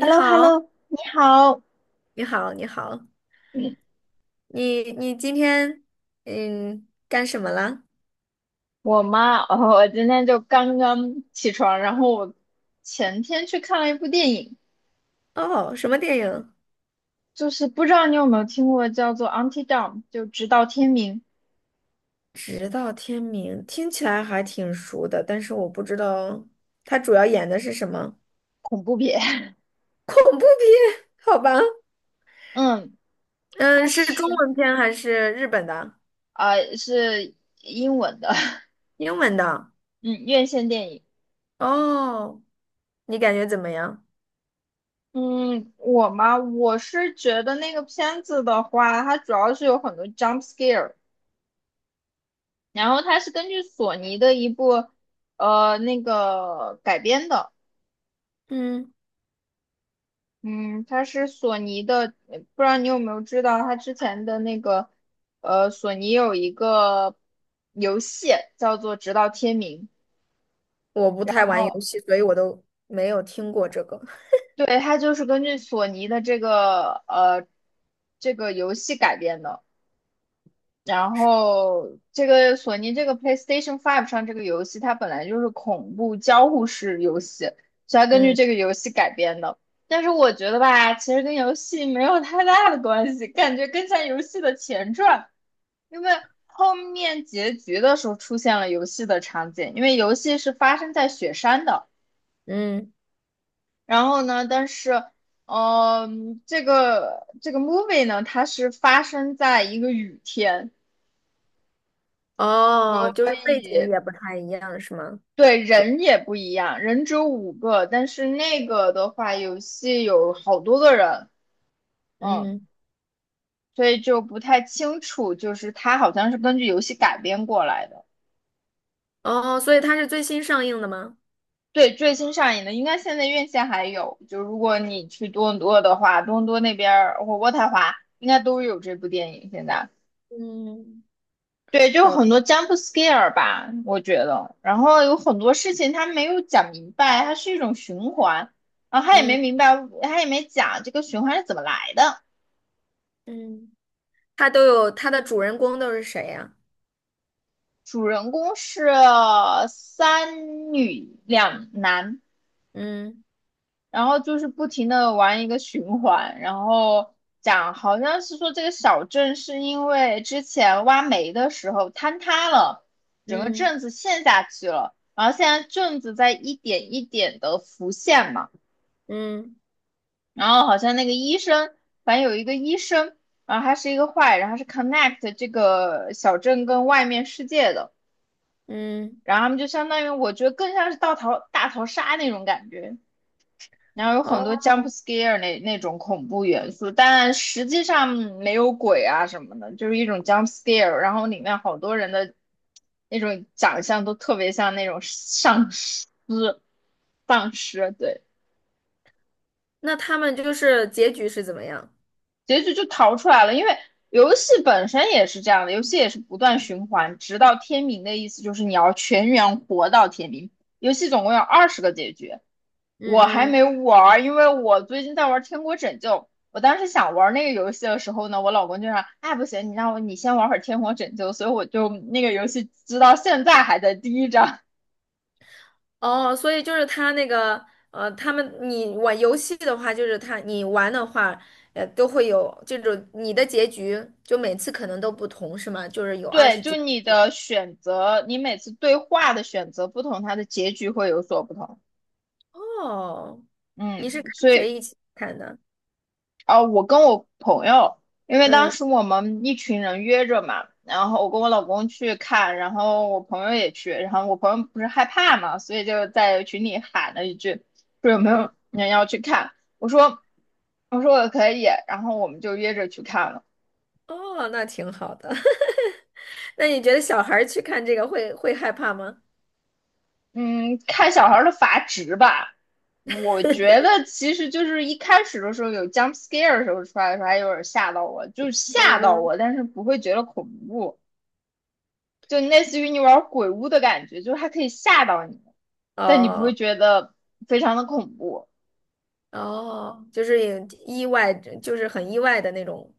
h e l l o h e l l 好，o 你好。你好，你好，嗯，你今天嗯干什么了？我今天就刚刚起床，然后我前天去看了一部电影，哦，什么电影？就是不知道你有没有听过叫做《Until Dawn》,就直到天明直到天明，听起来还挺熟的，但是我不知道它主要演的是什么。 恐怖片。恐怖片，好吧？嗯，它嗯，是中文是片还是日本的？呃是英文的，英文的？嗯，院线电影。哦，你感觉怎么样？嗯，我是觉得那个片子的话，它主要是有很多 jump scare,然后它是根据索尼的一部改编的。嗯，嗯，它是索尼的，不知道你有没有知道，它之前的那个，呃，索尼有一个游戏叫做《直到天明》。我不太玩哦，游戏，所以我都没有听过这个。对，它就是根据索尼的这个游戏改编的。然后这个索尼这个 PlayStation Five 上这个游戏，它本来就是恐怖交互式游戏，所以它根据嗯这个游戏改编的。但是我觉得吧，其实跟游戏没有太大的关系，感觉更像游戏的前传，因为后面结局的时候出现了游戏的场景，因为游戏是发生在雪山的。嗯。然后呢，但是，这个 movie 呢，它是发生在一个雨天。哦，就是背景也不太一样，是吗？对，人也不一样，人只有五个，但是那个的话，游戏有好多个人。嗯，嗯。所以就不太清楚，就是它好像是根据游戏改编过来的。哦，所以它是最新上映的吗？对，最新上映的，应该现在院线还有，就如果你去多伦多的话，多伦多那边儿或渥太华应该都有这部电影现在。嗯，对，就好，很多 jump scare 吧，我觉得。然后有很多事情他没有讲明白，它是一种循环，然后他也没嗯明白，他也没讲这个循环是怎么来的。嗯，它都有它的主人公都是谁呀？主人公是三女两男，嗯。然后就是不停的玩一个循环，然后讲好像是说这个小镇是因为之前挖煤的时候坍塌了，整个嗯。镇子陷下去了，然后现在镇子在一点一点的浮现嘛，嗯。然后好像那个医生，反正有一个医生，然后他是一个坏人，他是 connect 这个小镇跟外面世界的，嗯。然后他们就相当于我觉得更像是大逃杀那种感觉。然后有很哦，多 jump scare 那种恐怖元素，但实际上没有鬼啊什么的，就是一种 jump scare。然后里面好多人的那种长相都特别像那种丧尸，丧尸，对，那他们就是结局是怎么样？结局就逃出来了。因为游戏本身也是这样的，游戏也是不断循环，直到天明的意思就是你要全员活到天明。游戏总共有二十个结局，我还嗯。嗯，没玩因为我最近在玩《天国拯救》。我当时想玩那个游戏的时候呢，我老公就让，哎，不行，你让我你先玩会儿《天国拯救》，所以我就那个游戏直到现在还在第一章。哦，所以就是他那个，呃，他们你玩游戏的话，就是他你玩的话，呃，都会有这种你的结局，就每次可能都不同，是吗？就是有 二十对，就几。你的选择，你每次对话的选择不同，它的结局会有所不同。哦，你是嗯，跟所以谁一起看的？啊，我跟我朋友，因为当嗯。时我们一群人约着嘛，然后我跟我老公去看，然后我朋友也去，然后我朋友不是害怕嘛，所以就在群里喊了一句，说有没嗯。有人要去看？我说，我说我可以，然后我们就约着去看了。哦，那挺好的。那你觉得小孩儿去看这个会害怕吗？嗯，看小孩儿的阀值吧，我觉得其实就是一开始的时候有 jump scare 的时候出来的时候还有点吓到我，嗯。嗯。但是不会觉得恐怖。就类似于你玩鬼屋的感觉，就是它可以吓到你，但你不哦。会觉得非常的恐怖。哦，就是也意外，就是很意外的那种。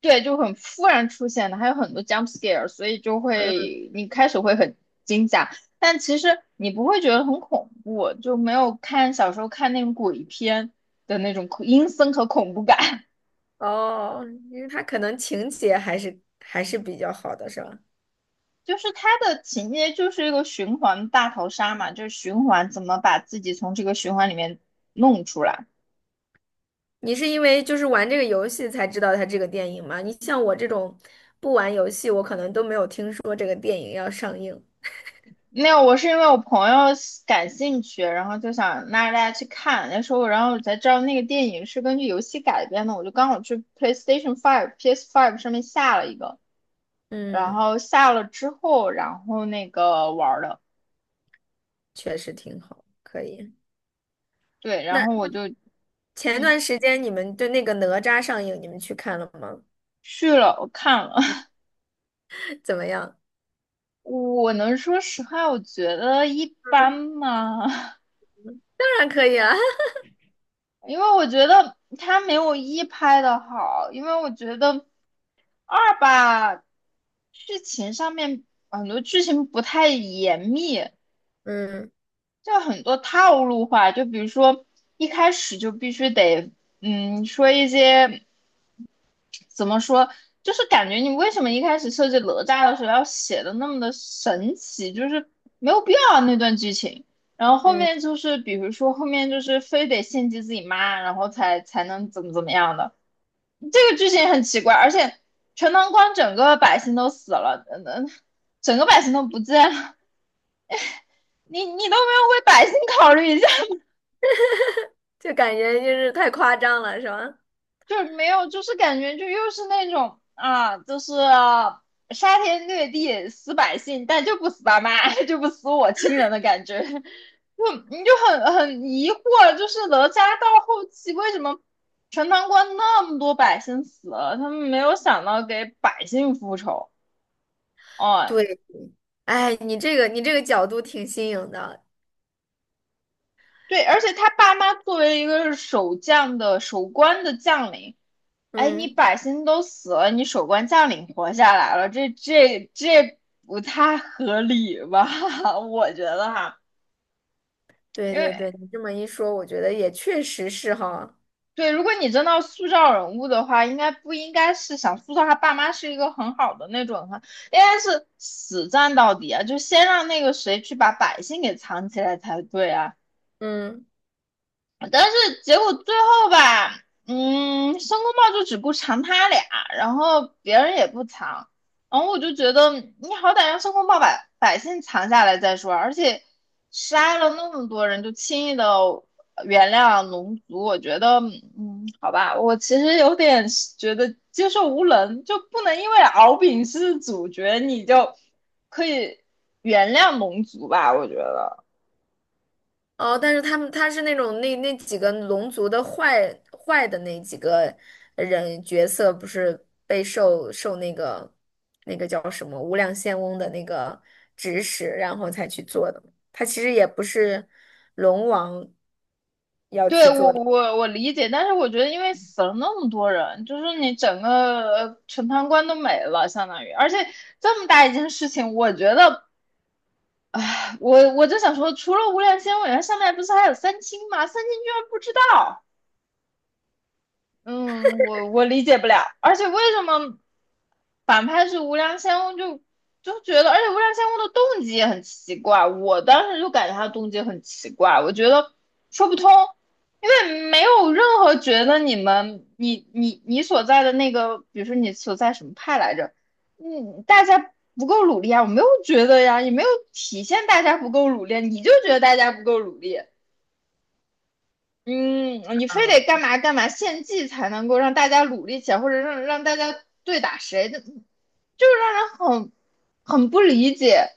对，就很突然出现的，还有很多 jump scare,所以就嗯，会你开始会很惊吓，但其实你不会觉得很恐怖，就没有看小时候看那种鬼片的那种恐阴森和恐怖感。哦，因为他可能情节还是比较好的，是吧？就是它的情节就是一个循环大逃杀嘛，就是循环怎么把自己从这个循环里面弄出来。你是因为就是玩这个游戏才知道它这个电影吗？你像我这种不玩游戏，我可能都没有听说这个电影要上映。没有，我是因为我朋友喜感兴趣，然后就想拉着大家去看。那时候，然后我才知道那个电影是根据游戏改编的。我就刚好去 PlayStation Five、PS Five 上面下了一个，然嗯，后下了之后，然后那个玩儿的，确实挺好，可以。对，然后我那就前嗯段时间你们对那个哪吒上映，你们去看了吗？去了，我看了。怎么样？我能说实话，我觉得一般嗯，嘛，当然可以啊。因为我觉得它没有一拍的好，因为我觉得。二吧，剧情上面很多剧情不太严密，嗯就很多套路化。就比如说一开始就必须得，嗯，说一些怎么说，就是感觉你为什么一开始设计哪吒的时候要写的那么的神奇，就是没有必要啊那段剧情。然后后嗯，面就是，比如说后面就是非得献祭自己妈，然后才能怎么怎么样的。这个剧情很奇怪，而且全唐关整个百姓都死了，嗯,整个百姓都不见了，你都没有为百姓考虑一下，就感觉就是太夸张了，是吧？就是没有，就是感觉就又是那种啊，就是杀天掠地死百姓，但就不死爸妈，就不死我亲人的感觉，就你就很疑惑，就是哪吒到后期为什么？全唐关那么多百姓死了，他们没有想到给百姓复仇。哦，对，哎，你这个角度挺新颖的。对，而且他爸妈作为一个守将的守关的将领，哎，你嗯，百姓都死了，你守关将领活下来了，这不太合理吧？我觉得哈，对因为对对，你这么一说，我觉得也确实是哈。对，如果你真的要塑造人物的话，应该不应该是想塑造他爸妈是一个很好的那种，哈，应该是死战到底啊，就先让那个谁去把百姓给藏起来才对啊。嗯。但是结果最后吧，嗯，申公豹就只顾藏他俩，然后别人也不藏，然后我就觉得你好歹让申公豹把百姓藏下来再说，而且杀了那么多人就轻易的原谅龙族，我觉得，嗯，好吧，我其实有点觉得接受无能，就不能因为敖丙是主角你就可以原谅龙族吧，我觉得。哦，但是他们他是那种那那几个龙族的坏的那几个人角色，不是被受那个那个叫什么无量仙翁的那个指使，然后才去做的。他其实也不是龙王要对，去做我的。我我理解，但是我觉得，因为死了那么多人，就是你整个全判官都没了，相当于，而且这么大一件事情，我觉得我就想说，除了无量仙委员，上面不是还有三清吗？三清居然不知道。嗯，我理解不了，而且为什么反派是无良仙翁就觉得，而且无良仙翁的动机也很奇怪，我当时就感觉他动机很奇怪，我觉得说不通，因为没有任何觉得你们你所在的那个，比如说你所在什么派来着，嗯，大家不够努力啊，我没有觉得呀，也没有体现大家不够努力，你就觉得大家不够努力，嗯，你非得干嘛干嘛献祭才能够让大家努力起来，或者让大家对打谁的，就是让人很很不理解。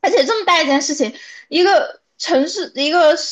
而且这么大一件事情，一个城市一个城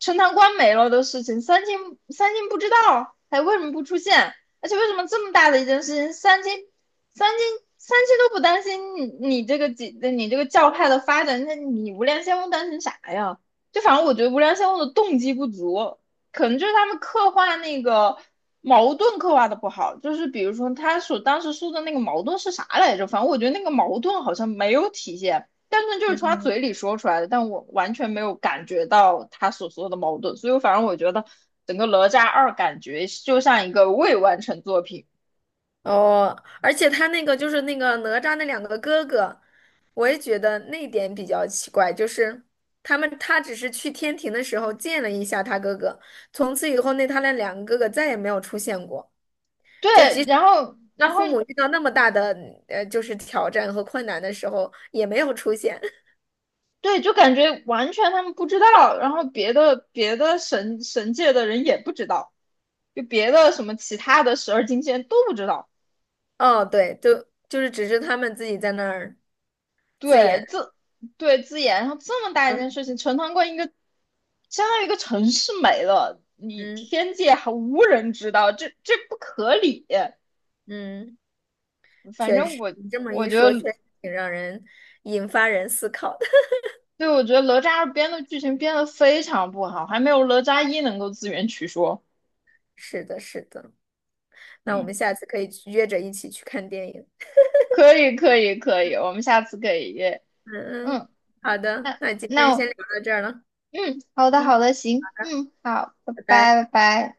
陈塘关没了的事情，三金不知道，还为什么不出现？而且为什么这么大的一件事情，三金三金都不担心你这个你这个教派的发展，那你无量仙翁担心啥呀？就反正我觉得无量仙翁的动机不足，可能就是他们刻画那个矛盾刻画的不好，就是比如说他所当时说的那个矛盾是啥来着？反正我觉得那个矛盾好像没有体现。但是就是从他嘴里说出来的，但我完全没有感觉到他所说的矛盾，所以反正我觉得整个《哪吒二》感觉就像一个未完成作品。哦，而且他那个就是那个哪吒那两个哥哥，我也觉得那点比较奇怪，就是他们他只是去天庭的时候见了一下他哥哥，从此以后那他那两个哥哥再也没有出现过。对，然后他然后父母遇到那么大的，呃，就是挑战和困难的时候也没有出现。对，就感觉完全他们不知道，然后别的神界的人也不知道，就别的什么其他的十二金仙都不知道。哦，对，就是只是他们自己在那儿自对，演。对自研，然后这么大一嗯。件事情，陈塘关一个相当于一个城市没了，你嗯。天界还无人知道，这不可理。嗯，反确正实，你这么我一觉说，得，确实挺让人引发人思考的。对，我觉得哪吒二编的剧情编的非常不好，还没有哪吒一能够自圆其说。是的，是的。那我们嗯，下次可以去约着一起去看电影。可以，我们下次可以约。嗯嗯，嗯，好的，那那今天先那聊到这儿了。嗯，嗯，好的，行，嗯，好，拜拜拜。拜，拜拜。